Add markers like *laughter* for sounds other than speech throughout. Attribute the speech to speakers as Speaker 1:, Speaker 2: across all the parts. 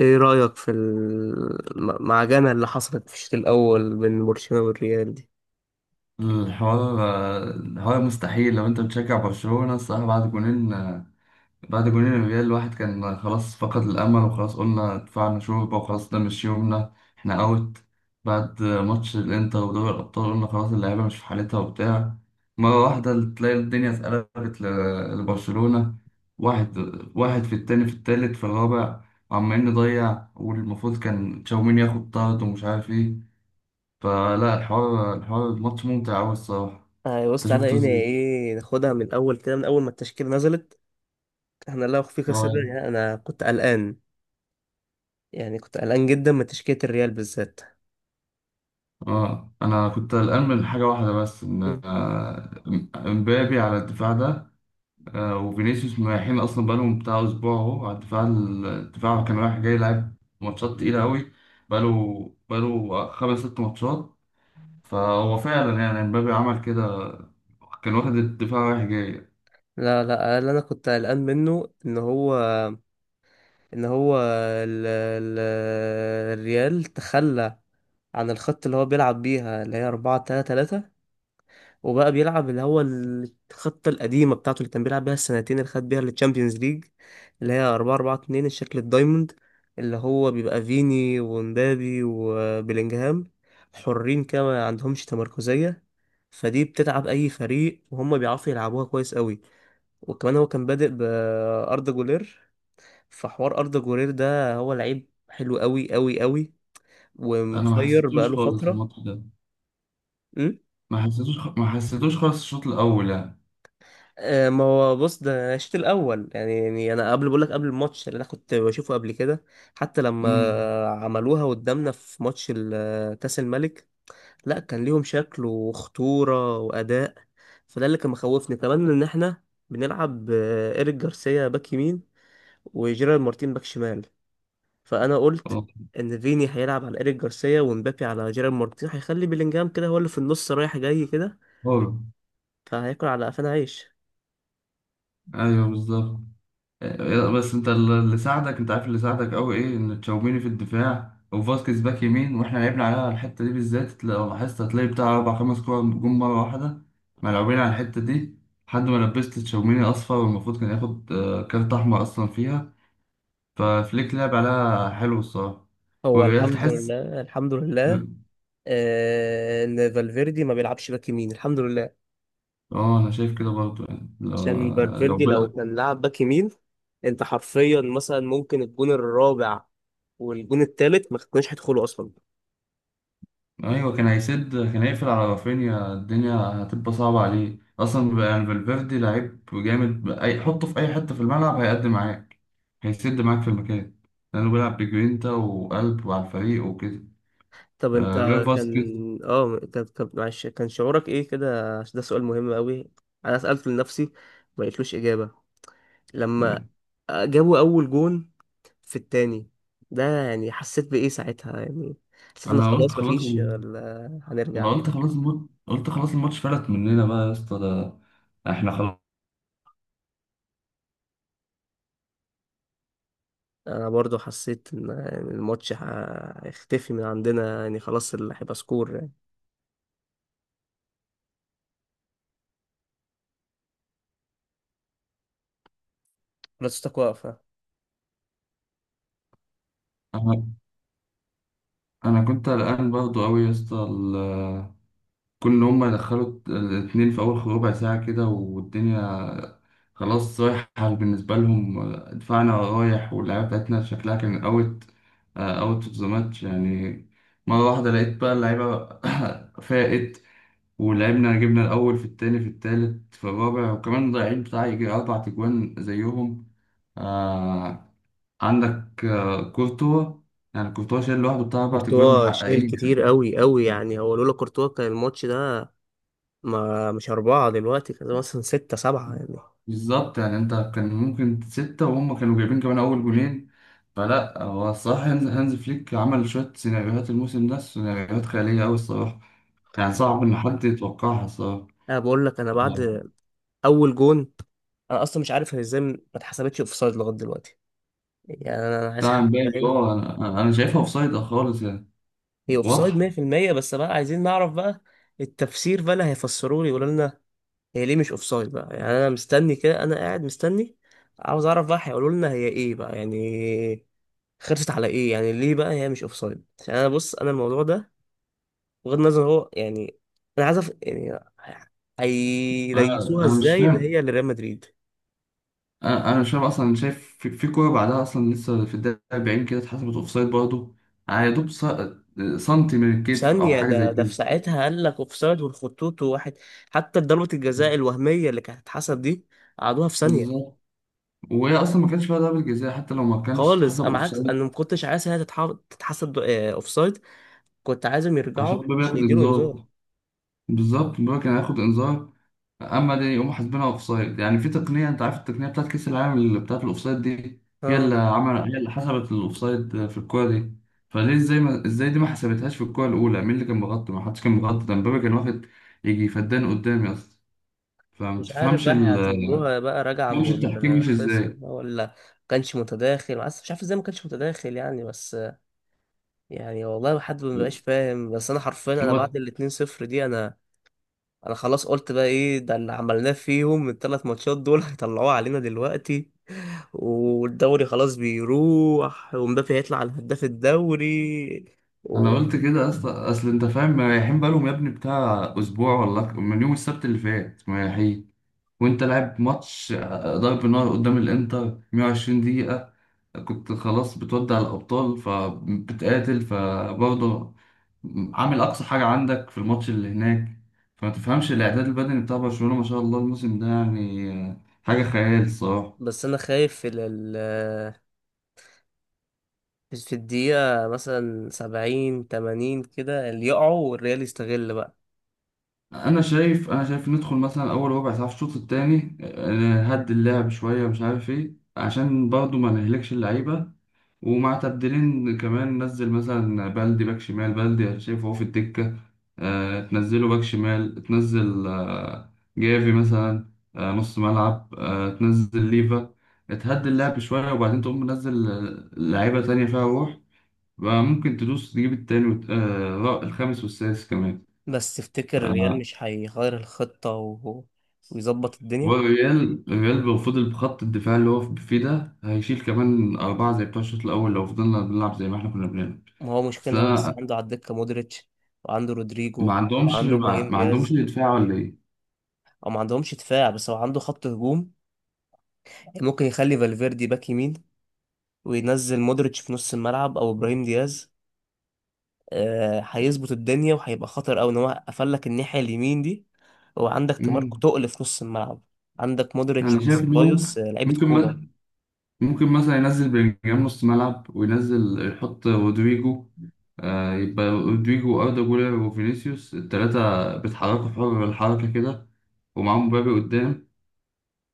Speaker 1: ايه رأيك في المعجنة اللي حصلت في الشوط الأول بين برشلونة والريال دي؟
Speaker 2: الحوار مستحيل لو انت بتشجع برشلونة، الصراحة بعد جونين. الريال الواحد كان خلاص فقد الأمل، وخلاص قلنا دفعنا شوربة، وخلاص ده مش يومنا، احنا أوت. بعد ماتش الإنتر ودوري الأبطال قلنا خلاص اللعيبة مش في حالتها وبتاع. مرة واحدة تلاقي الدنيا اتقلبت لبرشلونة. واحد، واحد في التاني، في التالت، في الرابع، وعمالين نضيع، والمفروض كان تشاوميني ياخد طرد ومش عارف ايه. فلا، الحوار ماتش ممتع أوي الصراحة.
Speaker 1: آه، بص
Speaker 2: انت شفته
Speaker 1: تعالى هنا
Speaker 2: ازاي؟
Speaker 1: ايه، ناخدها من الأول كده من أول ما التشكيلة نزلت. احنا لا أخفيك
Speaker 2: اه
Speaker 1: سرا
Speaker 2: يعني.
Speaker 1: يعني أنا كنت قلقان، يعني كنت قلقان جدا من تشكيلة الريال بالذات.
Speaker 2: اه، انا كنت قلقان من حاجه واحده بس، ان
Speaker 1: مم.
Speaker 2: امبابي على الدفاع ده، وفينيسيوس مريحين اصلا بقالهم بتاع اسبوع اهو، على الدفاع كان رايح جاي، لعب ماتشات تقيله قوي. بقاله خمس ست ماتشات. فهو فعلا يعني امبابي عمل كده، كان واخد الدفاع رايح جاي.
Speaker 1: لا لا، اللي أنا كنت قلقان منه إن هو ال... ال... الريال تخلى عن الخط اللي هو بيلعب بيها اللي هي 4 3 3، وبقى بيلعب اللي هو الخطة القديمة بتاعته اللي كان بيلعب بيها السنتين اللي خد بيها التشامبيونز ليج، اللي هي 4 4 2 الشكل الدايموند، اللي هو بيبقى فيني ومبابي وبيلينجهام حرين كده ما عندهمش تمركزية. فدي بتتعب أي فريق وهم بيعرفوا يلعبوها كويس قوي. وكمان هو كان بادئ بأردا جولير، فحوار أردا جولير ده هو لعيب حلو قوي قوي قوي،
Speaker 2: انا ما
Speaker 1: ومفير
Speaker 2: حسيتوش
Speaker 1: بقاله
Speaker 2: خالص
Speaker 1: فترة.
Speaker 2: الماتش ده، ما حسيتوش خالص الشوط الاول يعني.
Speaker 1: ما هو بص ده أنا الشوط الاول يعني، انا قبل بقول لك، قبل الماتش اللي انا كنت بشوفه قبل كده، حتى لما
Speaker 2: امم.
Speaker 1: عملوها قدامنا في ماتش كاس الملك، لا كان ليهم شكل وخطوره واداء. فده اللي كان مخوفني كمان ان احنا بنلعب ايريك جارسيا باك يمين وجيرارد مارتين باك شمال. فانا قلت
Speaker 2: اه،
Speaker 1: ان فيني هيلعب على ايريك جارسيا ومبابي على جيرارد مارتين، هيخلي بيلينجهام كده هو اللي في النص رايح جاي كده، فهياكل على قفانا عيش.
Speaker 2: ايوه، بالظبط. بس انت اللي ساعدك، انت عارف اللي ساعدك قوي ايه؟ ان تشاوميني في الدفاع وفاسكيز باك يمين، واحنا لعبنا عليها الحته دي بالذات. لو لاحظت هتلاقي بتاع اربع خمس كور جم مره واحده، ملعوبين على الحته دي لحد ما لبست تشاوميني اصفر، والمفروض كان ياخد كارت احمر اصلا فيها. ففليك لعب عليها حلو الصراحه.
Speaker 1: هو
Speaker 2: والريال
Speaker 1: الحمد
Speaker 2: تحس.
Speaker 1: لله، الحمد لله ان فالفيردي ما بيلعبش باك يمين، الحمد لله،
Speaker 2: اه، انا شايف كده برضه يعني، لو
Speaker 1: عشان
Speaker 2: لو
Speaker 1: فالفيردي لو
Speaker 2: بلا.
Speaker 1: كان لعب باك يمين، انت حرفيا مثلا ممكن الجون الرابع والجون التالت ما كناش هيدخلوا اصلا.
Speaker 2: ايوه، كان هيسد، كان هيقفل على رافينيا، الدنيا هتبقى صعبه عليه اصلا بقى يعني. فالفيردي لعيب جامد، اي حطه في اي حته في الملعب هيقدم معاك، هيسد معاك في المكان، لانه بيلعب بجرينتا وقلب وعلى الفريق وكده.
Speaker 1: طب انت
Speaker 2: غير فاسكيز.
Speaker 1: كان، طب معلش، كان شعورك ايه كده؟ عشان ده سؤال مهم قوي، انا سألته لنفسي ما لقيتلوش اجابة. لما
Speaker 2: يعني
Speaker 1: جابوا اول جون في التاني، ده يعني حسيت بايه ساعتها يعني؟ حسيت ان
Speaker 2: انا قلت
Speaker 1: خلاص
Speaker 2: خلاص
Speaker 1: مفيش
Speaker 2: ال...
Speaker 1: ولا
Speaker 2: انا
Speaker 1: هنرجع؟
Speaker 2: قلت خلاص الم... قلت خلاص الماتش فلت مننا بقى يا اسطى، ده احنا خلاص.
Speaker 1: انا برضو حسيت ان الماتش هيختفي من عندنا، يعني خلاص اللي هيبقى سكور يعني بلاستيك واقفه.
Speaker 2: انا أنا كنت قلقان برضه قوي يا اسطى، كون إن هما يدخلوا الاتنين في أول ربع ساعة كده والدنيا خلاص رايحة بالنسبة لهم. دفاعنا رايح واللعيبة بتاعتنا شكلها كان أوت أوف ذا ماتش يعني. مرة واحدة لقيت بقى اللعيبة *coughs* فاقت، ولعبنا، جبنا الأول، في التاني، في التالت، في الرابع، وكمان ضايعين بتاع يجي أربع تجوان زيهم. آه، عندك كورتوا، يعني كورتوا شايل لوحده بتاع أربع تجوان
Speaker 1: كورتوا شايل
Speaker 2: محققين.
Speaker 1: كتير قوي قوي، يعني هو لولا كورتوا كان الماتش ده ما مش أربعة دلوقتي، كان مثلا ستة سبعة يعني.
Speaker 2: بالظبط، يعني انت كان ممكن ستة، وهم كانوا جايبين كمان أول جونين. فلا، هو الصراحة هانز فليك عمل شوية سيناريوهات الموسم ده سيناريوهات خيالية أوي الصراحة، يعني صعب إن حد يتوقعها الصراحة.
Speaker 1: أنا بقول لك، أنا
Speaker 2: الله.
Speaker 1: بعد أول جون أنا أصلا مش عارف هي إزاي ما اتحسبتش أوفسايد لغاية دلوقتي. يعني أنا عايز
Speaker 2: بتاع
Speaker 1: حد
Speaker 2: امبابي،
Speaker 1: يفهم،
Speaker 2: اه، أنا شايفها أوفسايد خالص يعني.
Speaker 1: هي أوفسايد
Speaker 2: واضحة.
Speaker 1: 100%، بس بقى عايزين نعرف بقى التفسير بقى، اللي هيفسروا لي يقولوا لنا هي ليه مش اوفسايد بقى، يعني انا مستني كده، انا قاعد مستني، عاوز اعرف بقى هيقولوا لنا هي ايه بقى يعني، خرجت على ايه يعني، ليه بقى هي مش اوفسايد؟ عشان انا بص، انا الموضوع ده بغض النظر هو يعني، انا عايز يعني
Speaker 2: أنا
Speaker 1: هيليسوها
Speaker 2: أنا مش
Speaker 1: ازاي ان
Speaker 2: فاهم،
Speaker 1: هي لريال مدريد.
Speaker 2: أنا مش فاهم أصلا. أنا شايف في كورة بعدها أصلا لسه في الدقيقة 40 كده اتحسبت أوفسايد برضه. يعني يا دوب سنتي من الكتف أو
Speaker 1: ثانية،
Speaker 2: حاجة زي
Speaker 1: ده
Speaker 2: كده.
Speaker 1: في ساعتها قال لك اوفسايد والخطوط وواحد، حتى ضربة الجزاء الوهمية اللي كانت هتتحسب دي قعدوها في ثانية
Speaker 2: بالظبط. وهي اصلا ما كانش فيها ضربه جزاء، حتى لو ما كانش
Speaker 1: خالص.
Speaker 2: اتحسب
Speaker 1: انا عكس، انا
Speaker 2: اوفسايد
Speaker 1: ما كنتش عايز هي تتحسب اوفسايد، كنت عايزهم
Speaker 2: عشان
Speaker 1: يرجعوا
Speaker 2: الباب
Speaker 1: عشان
Speaker 2: ياخد
Speaker 1: يديله انذار.
Speaker 2: انذار. بالظبط، الباب كان هياخد انذار. اما دي يقوموا حاسبينها اوفسايد؟ يعني في تقنيه، انت عارف التقنيه بتاعت كاس العالم اللي بتاعت الاوفسايد دي، هي اللي
Speaker 1: اه
Speaker 2: عمل، هي اللي حسبت الاوفسايد في الكوره دي. فليه؟ ازاي دي ما حسبتهاش في الكوره الاولى؟ مين اللي كان مغطي؟ ما حدش كان مغطي، ده مبابي كان واخد يجي فدان قدامي اصلا. فما
Speaker 1: مش عارف
Speaker 2: تفهمش
Speaker 1: بقى،
Speaker 2: ال... ما
Speaker 1: هيعتبروها بقى راجعة
Speaker 2: تفهمش
Speaker 1: من
Speaker 2: التحكيم مش
Speaker 1: الخصم
Speaker 2: ازاي.
Speaker 1: بقى ولا كانش متداخل؟ بس مش عارف ازاي ما كانش متداخل يعني، بس يعني والله حد ما بقاش فاهم. بس انا حرفيا انا
Speaker 2: هو
Speaker 1: بعد الاتنين صفر دي، انا خلاص قلت بقى ايه ده اللي عملناه فيهم الثلاث ماتشات دول؟ *laughs* هيطلعوه علينا دلوقتي، والدوري خلاص بيروح ومبابي هيطلع على هداف الدوري
Speaker 2: انا
Speaker 1: و...
Speaker 2: قلت كده اصلا، اصل انت فاهم مريحين بقالهم يا ابني بتاع اسبوع، ولا من يوم السبت اللي فات مريحين، وانت لاعب ماتش ضرب نار قدام الانتر 120 دقيقة، كنت خلاص بتودع الابطال فبتقاتل، فبرضه عامل اقصى حاجة عندك في الماتش اللي هناك. فما تفهمش الاعداد البدني بتاع برشلونة ما شاء الله الموسم ده يعني حاجة خيال الصراحة.
Speaker 1: بس انا خايف في الدقيقة مثلا سبعين تمانين كده اللي يقعوا والريال يستغل بقى.
Speaker 2: انا شايف ندخل مثلا اول ربع ساعه في الشوط الثاني، نهدي اللعب شويه مش عارف ايه عشان برضو ما نهلكش اللعيبه، ومع تبديلين كمان نزل مثلا بلدي باك شمال، بلدي أنا شايفه هو في الدكه، تنزله باك شمال، تنزل جافي مثلا نص ملعب، تنزل ليفا، تهدي اللعب شويه وبعدين تقوم منزل لعيبه تانية فيها روح، بقى ممكن تدوس تجيب التاني الخامس والسادس كمان.
Speaker 1: بس تفتكر
Speaker 2: آه،
Speaker 1: الريال مش هيغير الخطة و... ويظبط الدنيا؟
Speaker 2: والريال لو فضل بخط الدفاع اللي هو فيه ده هيشيل كمان أربعة زي بتوع الشوط الأول لو فضلنا بنلعب زي ما إحنا كنا بنلعب.
Speaker 1: ما هو مشكلة
Speaker 2: أصل
Speaker 1: ان هو لسه
Speaker 2: أنا
Speaker 1: عنده على الدكة مودريتش، وعنده
Speaker 2: ما
Speaker 1: رودريجو،
Speaker 2: عندهمش،
Speaker 1: وعنده ابراهيم دياز.
Speaker 2: دفاع ولا إيه؟
Speaker 1: او ما عندهمش دفاع، بس هو عنده خط هجوم. يعني ممكن يخلي فالفيردي باك يمين وينزل مودريتش في نص الملعب او ابراهيم دياز. هيظبط الدنيا وهيبقى خطر قوي ان هو قفل لك الناحيه اليمين دي، وعندك تماركو
Speaker 2: مم.
Speaker 1: تقل في نص الملعب. عندك مودريتش
Speaker 2: أنا شايف إن هو
Speaker 1: وسيبايوس، لعيبه
Speaker 2: ممكن
Speaker 1: كوره.
Speaker 2: م- ممكن مثلا ينزل بلينجهام نص ملعب، وينزل يحط رودريجو، آه، يبقى رودريجو وأردا جولر وفينيسيوس التلاتة بيتحركوا في حر الحركة كده، ومعاهم مبابي قدام،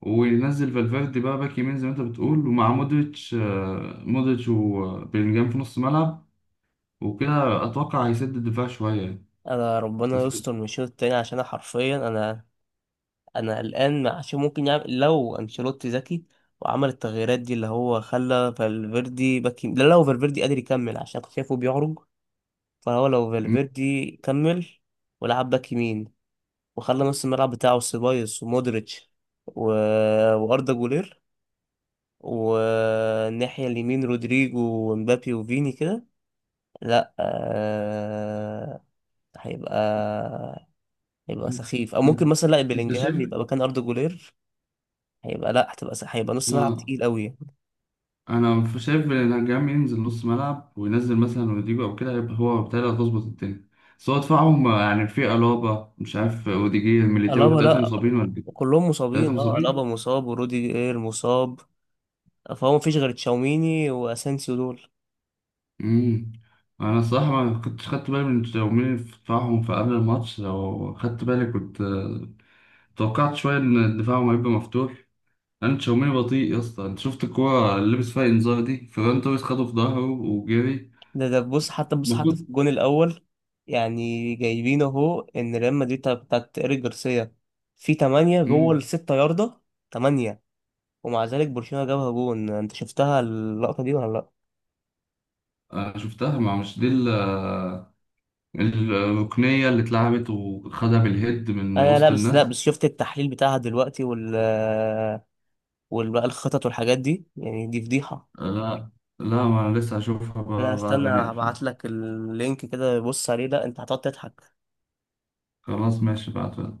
Speaker 2: وينزل فالفيردي بقى باك يمين زي ما انت بتقول، ومع مودريتش مودريتش وبيلينجهام في نص ملعب، وكده اتوقع هيسد الدفاع شويه يعني.
Speaker 1: انا ربنا
Speaker 2: بس
Speaker 1: يستر من الشوط التاني، عشان انا حرفيا انا قلقان عشان ممكن يعمل، لو انشيلوتي ذكي وعمل التغييرات دي اللي هو خلى فالفيردي باك لا، لو فالفيردي قادر يكمل، عشان كنت شايفه بيعرج، فهو لو
Speaker 2: م-
Speaker 1: فالفيردي كمل ولعب باك يمين، وخلى نص الملعب بتاعه سيبايوس ومودريتش و... واردا جولير، والناحية اليمين رودريجو ومبابي وفيني كده، لا هيبقى، هيبقى
Speaker 2: م-
Speaker 1: سخيف. او
Speaker 2: انت
Speaker 1: ممكن مثلا لا،
Speaker 2: انت
Speaker 1: بلينجهام
Speaker 2: شايف
Speaker 1: يبقى مكان اردا جولير، هيبقى لا، هتبقى هيبقى نص ملعب
Speaker 2: آه،
Speaker 1: تقيل قوي.
Speaker 2: انا شايف بيلينجهام ينزل نص ملعب وينزل مثلا رودريجو او كده، يبقى هو بالتالي هتظبط الدنيا. بس هو دفاعهم يعني في الابا، مش عارف، اوديجير ميليتاو
Speaker 1: الابا
Speaker 2: التلاته
Speaker 1: لا،
Speaker 2: مصابين ولا ايه؟
Speaker 1: كلهم
Speaker 2: التلاته
Speaker 1: مصابين، اه، الابا
Speaker 2: مصابين.
Speaker 1: مصاب وروديجر مصاب، فهو مفيش غير تشاوميني واسانسيو دول.
Speaker 2: امم. انا الصراحه ما كنتش خدت بالي من تمرير دفاعهم في قبل الماتش، لو خدت بالي كنت توقعت شويه ان دفاعهم هيبقى مفتوح. انا تشاوميني بطيء يا اسطى، انت شفت الكوره اللي لبس فيها انذار دي، فيران توريس خده في ظهره وجري،
Speaker 1: ده بص، حتى
Speaker 2: المفروض.
Speaker 1: في الجون الاول، يعني جايبين اهو ان ريال مدريد بتاعت ايريك جارسيا في 8 جوه
Speaker 2: امم.
Speaker 1: الستة ياردة، 8، ومع ذلك برشلونة جابها جون. انت شفتها اللقطة دي ولا لا؟
Speaker 2: انا شفتها، ما مش دي الركنيه اللي اتلعبت وخدها بالهيد من
Speaker 1: انا لا،
Speaker 2: وسط
Speaker 1: بس لا
Speaker 2: الناس.
Speaker 1: بس شفت التحليل بتاعها دلوقتي وال بقى الخطط والحاجات دي، يعني دي فضيحة.
Speaker 2: لا، لا، ما انا لسه هشوفها
Speaker 1: لا
Speaker 2: بقى بعد
Speaker 1: استنى
Speaker 2: ما نقفل.
Speaker 1: هبعت لك اللينك كده، بص عليه، لا انت هتقعد تضحك.
Speaker 2: خلاص ماشي بعد.